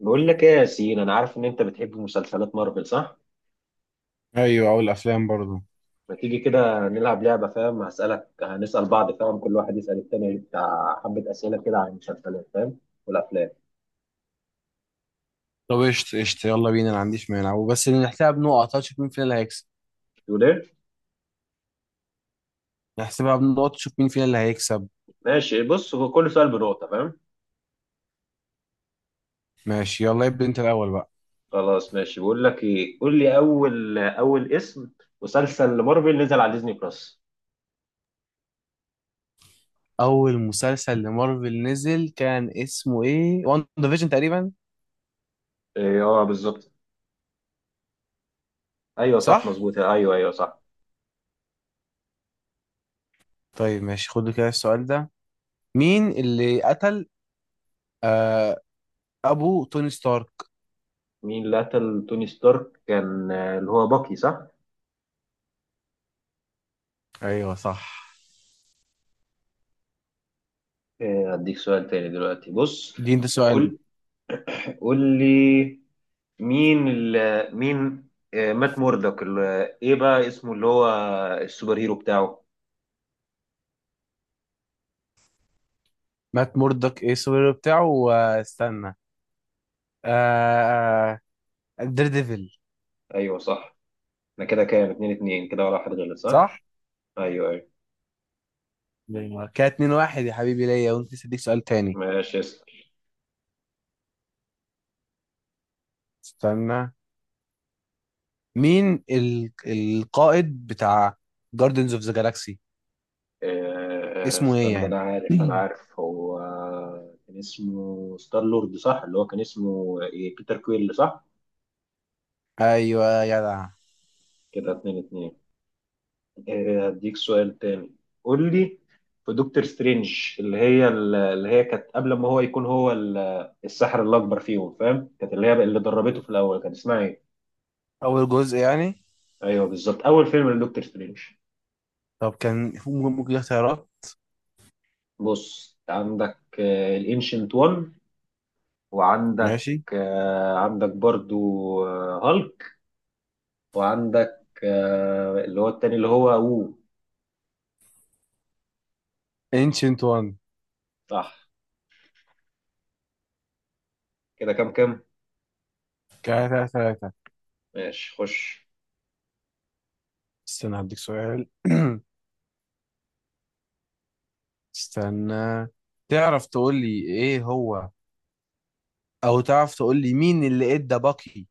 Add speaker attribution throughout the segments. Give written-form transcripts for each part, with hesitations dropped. Speaker 1: بقول لك ايه يا ياسين، انا عارف ان انت بتحب مسلسلات مارفل صح؟
Speaker 2: ايوه، او الافلام برضو.
Speaker 1: ما تيجي كده نلعب لعبه، فاهم؟ هسالك، هنسال بعض، فاهم؟ كل واحد يسال التاني بتاع حبه اسئله كده عن المسلسلات، فاهم؟ والافلام.
Speaker 2: طب، قشطة قشطة، يلا بينا. انا ما عنديش مانع وبس. نحسبها بنقط، هنشوف مين فينا اللي هيكسب.
Speaker 1: تقول ايه؟
Speaker 2: نحسبها بنقط، نشوف مين فينا اللي هيكسب.
Speaker 1: ماشي. بص، هو كل سؤال بنقطه، فاهم؟
Speaker 2: ماشي، يلا ابدا انت الاول بقى.
Speaker 1: خلاص ماشي. بقول لك ايه، قول لي اول اسم مسلسل مارفل نزل على ديزني بلس.
Speaker 2: اول مسلسل لمارفل نزل كان اسمه ايه؟ وان ديفيجن تقريبا.
Speaker 1: ايه اه بالظبط. ايوه
Speaker 2: صح.
Speaker 1: صح مظبوط، ايوه ايوه صح.
Speaker 2: طيب، ماشي، خدوا كده السؤال ده. مين اللي قتل آه ابو توني ستارك؟
Speaker 1: مين اللي قتل توني ستارك؟ كان اللي هو باكي صح؟
Speaker 2: ايوه صح.
Speaker 1: اديك سؤال تاني دلوقتي. بص.
Speaker 2: دي انت سؤال بقى.
Speaker 1: قول قول لي مين ال مين مات موردك ايه بقى اسمه اللي هو السوبر هيرو بتاعه.
Speaker 2: مات موردك ايه السوبر هيرو بتاعه؟ واستنى، آه دير ديفل.
Speaker 1: ايوه صح. انا كده كام؟ اتنين اتنين كده ولا واحد غلط صح؟
Speaker 2: صح.
Speaker 1: ايوه ايوه.
Speaker 2: نيمار كده 2-1. يا حبيبي ليا، وانت لسه اديك سؤال تاني.
Speaker 1: ماشي اسأل.
Speaker 2: استنى، مين القائد بتاع جاردنز اوف ذا جالاكسي؟ اسمه ايه
Speaker 1: استنى
Speaker 2: يعني؟
Speaker 1: انا عارف، انا عارف. هو كان اسمه ستار لورد صح، اللي هو كان اسمه ايه، بيتر كويل صح.
Speaker 2: ايوه يا جدع.
Speaker 1: كده اتنين اتنين. هديك سؤال تاني. قول لي. في دكتور سترينج، اللي هي كانت قبل ما هو يكون هو الساحر الأكبر فيهم، فاهم؟ كانت اللي هي اللي دربته في الأول، كانت اسمها إيه؟
Speaker 2: اول جزء يعني.
Speaker 1: أيوه بالظبط، أول فيلم لدكتور سترينج.
Speaker 2: طب، كان ممكن اختيارات.
Speaker 1: بص، عندك الانشنت 1، وعندك
Speaker 2: ماشي.
Speaker 1: عندك برضو هالك، وعندك اللي هو التاني اللي هو
Speaker 2: انشنت وان.
Speaker 1: صح. كده كام كام؟
Speaker 2: كده 3-3.
Speaker 1: ماشي خش.
Speaker 2: استنى، هديك سؤال. استنى، تعرف تقول لي ايه هو؟ او تعرف تقول لي مين اللي ادى باكي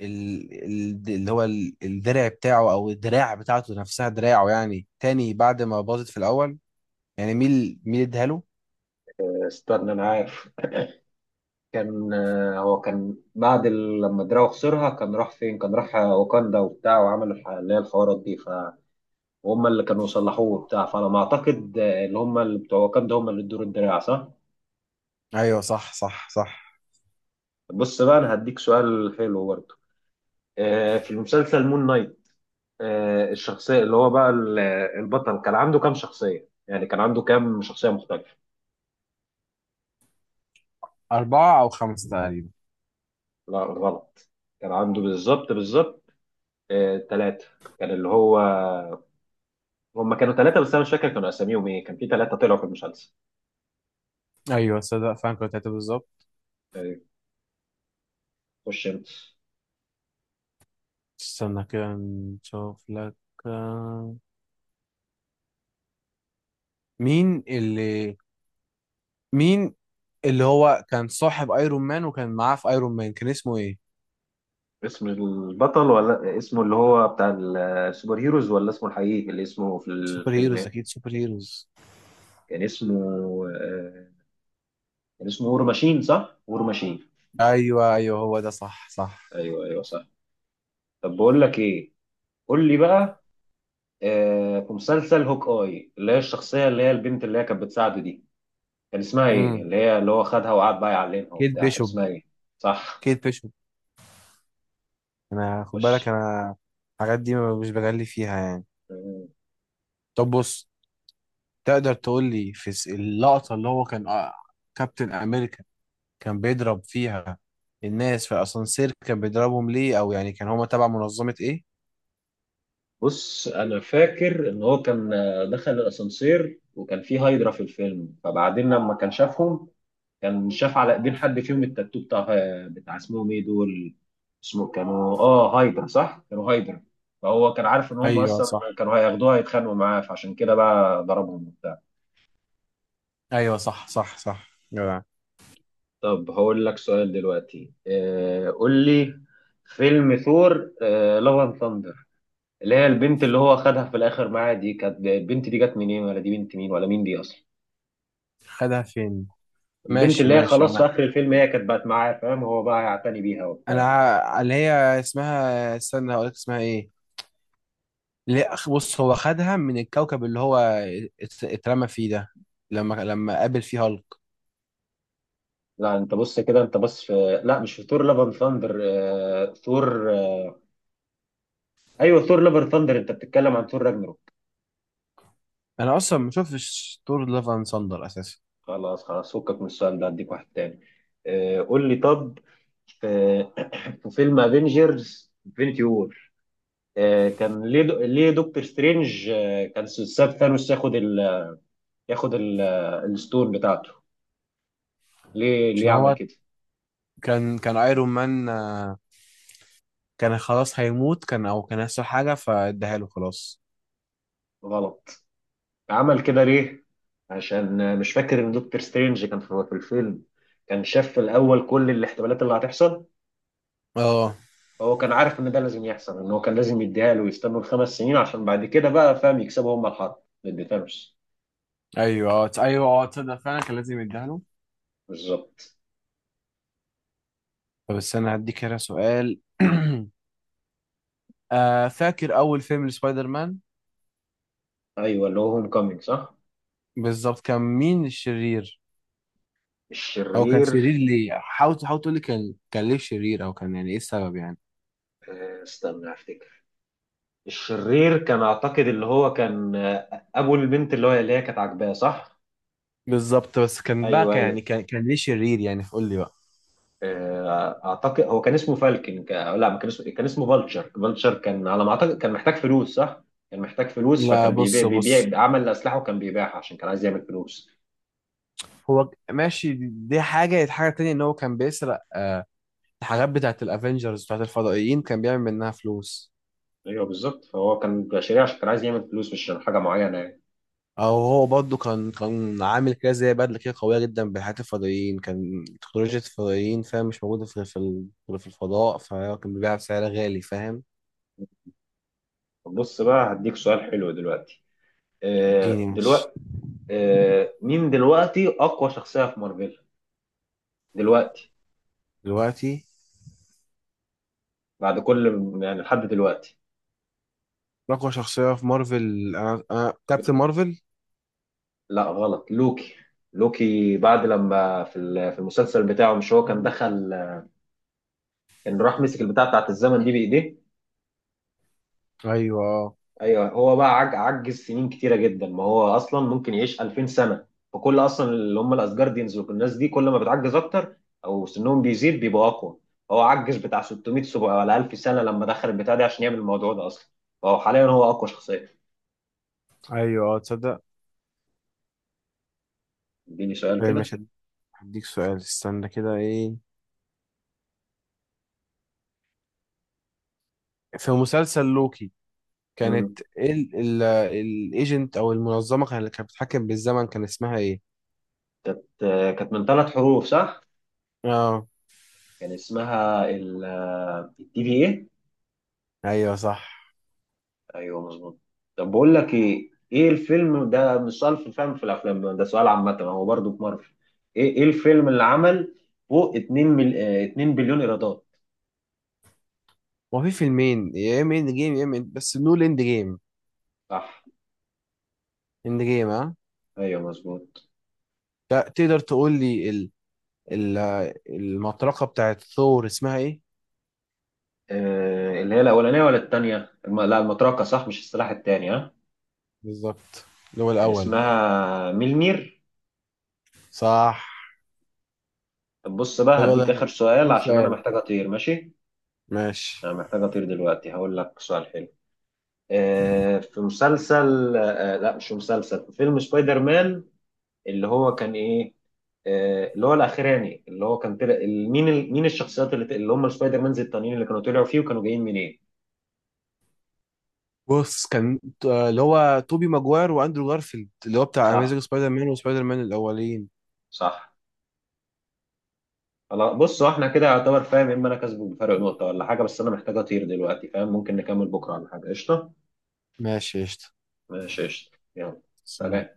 Speaker 2: اللي هو الدرع بتاعه، او الدراع بتاعته نفسها، دراعه يعني تاني بعد ما باظت في الاول. يعني مين اداها له؟
Speaker 1: استنى أنا عارف. كان هو كان بعد لما دراو خسرها كان راح فين؟ كان راح واكاندا وبتاع، وعمل اللي هي الحوارات دي، فهم؟ اللي كانوا صلحوه وبتاع، فانا ما اعتقد اللي هم اللي بتوع واكاندا هم اللي ادوا له الدراع صح.
Speaker 2: ايوه صح صح صح.
Speaker 1: بص بقى، انا هديك سؤال حلو برضه. في المسلسل مون نايت، الشخصيه اللي هو بقى البطل، كان عنده كام شخصيه؟ يعني كان عنده كام شخصيه مختلفه؟
Speaker 2: أربعة أو خمسة تقريبا.
Speaker 1: لا غلط. كان عنده بالظبط بالظبط ثلاثه. كان اللي هو، هم كانوا ثلاثة بس أنا مش فاكر كانوا أساميهم إيه. كان في ثلاثة طلعوا في المسلسل
Speaker 2: أيوه، صدق فعلا، كنت هتبقى بالظبط.
Speaker 1: يعني. خش أنت.
Speaker 2: استنى كده نشوف لك. آه، مين اللي مين اللي هو كان صاحب ايرون مان، وكان معاه في ايرون مان، كان اسمه ايه؟
Speaker 1: اسم البطل ولا اسمه اللي هو بتاع السوبر هيروز ولا اسمه الحقيقي اللي اسمه في
Speaker 2: سوبر
Speaker 1: الفيلم
Speaker 2: هيروز،
Speaker 1: إيه؟
Speaker 2: اكيد سوبر هيروز.
Speaker 1: كان اسمه آه، كان اسمه وور ماشين صح؟ وور ماشين.
Speaker 2: ايوه ايوه، هو ده، صح صح.
Speaker 1: أيوه أيوه صح. طب بقول لك إيه، قول لي بقى. في مسلسل هوك آي، اللي هي الشخصية اللي هي البنت اللي هي كانت بتساعده دي، كان اسمها إيه؟
Speaker 2: امم
Speaker 1: اللي هي اللي هو خدها وقعد بقى يعلمها
Speaker 2: كيت
Speaker 1: وبتاع، كان
Speaker 2: بيشوب.
Speaker 1: اسمها إيه؟ صح.
Speaker 2: كيت بيشوب. انا خد
Speaker 1: خش.
Speaker 2: بالك انا، الحاجات دي مش بغلي فيها يعني.
Speaker 1: آه.
Speaker 2: طب بص، تقدر تقول لي في اللقطة اللي هو كان كابتن امريكا كان بيضرب فيها الناس في اسانسير، كان بيضربهم ليه؟ او يعني كان هما تبع منظمة ايه؟
Speaker 1: بص انا فاكر ان هو كان دخل الاسانسير وكان فيه هايدرا في الفيلم. فبعدين لما كان شافهم، كان شاف على ايدين حد فيهم التاتو بتاع بتاع، اسمهم ايه دول؟ اسمه كانوا اه هايدرا صح، كانوا هايدرا. فهو كان عارف ان هم
Speaker 2: ايوه
Speaker 1: اصلا
Speaker 2: صح.
Speaker 1: كانوا هياخدوها يتخانقوا معاه، فعشان كده بقى ضربهم وبتاع.
Speaker 2: ايوه صح صح صح جدع.
Speaker 1: طب هقول لك سؤال دلوقتي. آه، قول لي. فيلم ثور لاف اند ثاندر، اللي هي البنت اللي هو خدها في الاخر معاه دي، كانت البنت دي جت منين ولا دي بنت مين ولا مين دي اصلا؟
Speaker 2: خدها فين؟
Speaker 1: البنت
Speaker 2: ماشي
Speaker 1: اللي هي
Speaker 2: ماشي،
Speaker 1: خلاص في
Speaker 2: انا
Speaker 1: اخر الفيلم هي كانت بقت معاه، فاهم؟ هو بقى هيعتني بيها
Speaker 2: انا
Speaker 1: وبتاع.
Speaker 2: اللي هي اسمها، استنى هقول لك اسمها ايه. ليه بص، هو خدها من الكوكب اللي هو اترمى فيه ده، لما قابل فيه هالك.
Speaker 1: لا انت بص كده، انت بص في، لا مش في ثور لافن ثاندر. ثور ايوه ثور لافن ثاندر، انت بتتكلم عن ثور راجنروك.
Speaker 2: انا اصلا ما شفتش دور لافان ساندر اساسا.
Speaker 1: خلاص خلاص، فكك من السؤال ده، اديك واحد تاني. قول لي طب. في في فيلم افنجرز انفنتي وور، كان ليه ليه دكتور سترينج كان ساب ثانوس ياخد ياخد ال... آه، الستون بتاعته؟ ليه ليه
Speaker 2: عشان
Speaker 1: عمل
Speaker 2: هو
Speaker 1: كده؟
Speaker 2: كان ايرون مان، كان خلاص هيموت، كان او كان هيحصل حاجه فاداها له خلاص.
Speaker 1: غلط. عمل كده ليه؟ عشان مش فاكر ان دكتور سترينج كان في الفيلم، كان شاف في الاول كل الاحتمالات اللي هتحصل.
Speaker 2: اه.
Speaker 1: هو كان عارف ان ده لازم يحصل، ان هو كان لازم يديها له، ويستنوا الخمس سنين، عشان بعد كده بقى فاهم يكسبوا هم الحرب. ما اديتهمش
Speaker 2: ايوه اه تصدق فعلا، كان لازم يديها له.
Speaker 1: بالظبط.
Speaker 2: طب استنى، هديك هنا سؤال. فاكر اول فيلم لسبايدر مان؟
Speaker 1: ايوه اللي هو هوم كومينج صح؟
Speaker 2: بالظبط، كان مين الشرير؟ او كان
Speaker 1: الشرير.
Speaker 2: شرير ليه؟ حاول حاول تقول لي، كان ليه شرير؟ او كان يعني ايه السبب يعني؟
Speaker 1: استنى افتكر. الشرير كان اعتقد اللي هو كان ابو البنت اللي هو اللي هي كانت عاجباه صح؟
Speaker 2: بالظبط، بس كان بقى،
Speaker 1: ايوه
Speaker 2: كان
Speaker 1: ايوه.
Speaker 2: يعني، كان ليه شرير يعني؟ قول لي بقى.
Speaker 1: اعتقد هو كان اسمه فالكن لا، ما كان اسمه. كان اسمه فالتشر. فالتشر كان على ما اعتقد كان محتاج فلوس صح. كان محتاج فلوس،
Speaker 2: لا
Speaker 1: فكان بيبيع
Speaker 2: بص بص،
Speaker 1: بيبيع عمل اسلحه وكان بيبيعها عشان كان عايز يعمل فلوس.
Speaker 2: هو ماشي، دي حاجة، هي حاجة تانية. إن هو كان بيسرق الحاجات بتاعة الأفينجرز، بتاعة الفضائيين، كان بيعمل منها فلوس.
Speaker 1: ايوه بالظبط، فهو كان شريع عشان كان عايز يعمل فلوس، مش عشان حاجه معينه يعني.
Speaker 2: أو هو برضه كان عامل كده زي بدلة كده قوية جدا بحاجات الفضائيين، كان تكنولوجيا الفضائيين، فاهم، مش موجودة في غير في الفضاء، فهو كان بيبيعها بسعر غالي، فاهم.
Speaker 1: طب بص بقى، هديك سؤال حلو دلوقتي.
Speaker 2: ديني مش
Speaker 1: دلوقتي، مين دلوقتي اقوى شخصيه في مارفل؟ دلوقتي،
Speaker 2: دلوقتي.
Speaker 1: بعد كل، يعني لحد دلوقتي.
Speaker 2: أقوى شخصية في مارفل، أنا كابتن مارفل.
Speaker 1: لا غلط، لوكي. لوكي بعد لما في في المسلسل بتاعه، مش هو كان دخل، كان راح مسك البتاع بتاعت الزمن دي بايديه؟
Speaker 2: أيوه أه.
Speaker 1: ايوه هو بقى عجز سنين كتيره جدا. ما هو اصلا ممكن يعيش 2000 سنه. فكل اصلا اللي هم الاسجارديانز والناس دي، كل ما بتعجز اكتر او سنهم بيزيد بيبقوا اقوى. هو عجز بتاع 600 700 ولا 1000 سنه لما دخل البتاع ده عشان يعمل الموضوع ده اصلا. فهو حاليا هو اقوى شخصيه.
Speaker 2: أيوه أه، تصدق.
Speaker 1: اديني سؤال
Speaker 2: إيه،
Speaker 1: كده.
Speaker 2: مش هديك سؤال، استنى كده. إيه، في مسلسل لوكي، كانت
Speaker 1: مم.
Speaker 2: الايجنت او المنظمه اللي كانت بتتحكم بالزمن، كان اسمها ايه؟
Speaker 1: كانت، كانت من ثلاث حروف صح؟
Speaker 2: اه.
Speaker 1: كان اسمها ال، الدي في ايه؟
Speaker 2: ايوه صح.
Speaker 1: ايوه مظبوط. طب بقول لك ايه، ايه الفيلم، ده مش سؤال في الفهم في الافلام، ده سؤال عامه هو برضه في مارفل. ايه ايه الفيلم اللي عمل فوق 2 مل... آه، 2 بليون ايرادات؟
Speaker 2: وفي فيلمين، يا اما اند جيم، يا اما بس نقول اند جيم.
Speaker 1: صح.
Speaker 2: اند جيم اه.
Speaker 1: ايوه مظبوط.
Speaker 2: تقدر تقول لي ال... المطرقه بتاعت ثور اسمها ايه؟
Speaker 1: آه، اللي هي الاولانيه ولا الثانيه لا المطرقه صح مش السلاح الثاني ها.
Speaker 2: بالظبط، اللي هو
Speaker 1: كان
Speaker 2: الاول.
Speaker 1: اسمها ميلمير.
Speaker 2: صح.
Speaker 1: طب بص
Speaker 2: طب
Speaker 1: بقى
Speaker 2: يلا،
Speaker 1: هديك اخر سؤال
Speaker 2: اديني
Speaker 1: عشان انا
Speaker 2: سؤال.
Speaker 1: محتاج اطير، ماشي.
Speaker 2: ماشي.
Speaker 1: انا محتاج اطير دلوقتي، هقول لك سؤال حلو. في مسلسل، آه لا مش في مسلسل، في فيلم سبايدر مان، اللي هو كان ايه، اللي هو الاخراني، اللي هو كان طلع مين مين الشخصيات اللي هم السبايدر مانز التانيين اللي كانوا طلعوا فيه وكانوا جايين منين؟
Speaker 2: بص، كان اللي هو توبي ماجواير واندرو جارفيلد، اللي هو بتاع
Speaker 1: صح
Speaker 2: اميزنج سبايدر مان وسبايدر مان الاولين.
Speaker 1: صح. خلاص بص، هو احنا كده يعتبر فاهم، اما انا كسبه بفرق نقطة ولا حاجة. بس انا محتاج اطير دلوقتي، فاهم؟ ممكن نكمل بكرة ولا حاجة، قشطة.
Speaker 2: ماشي قشطة.
Speaker 1: ماشي قشطة، يلا، سلام.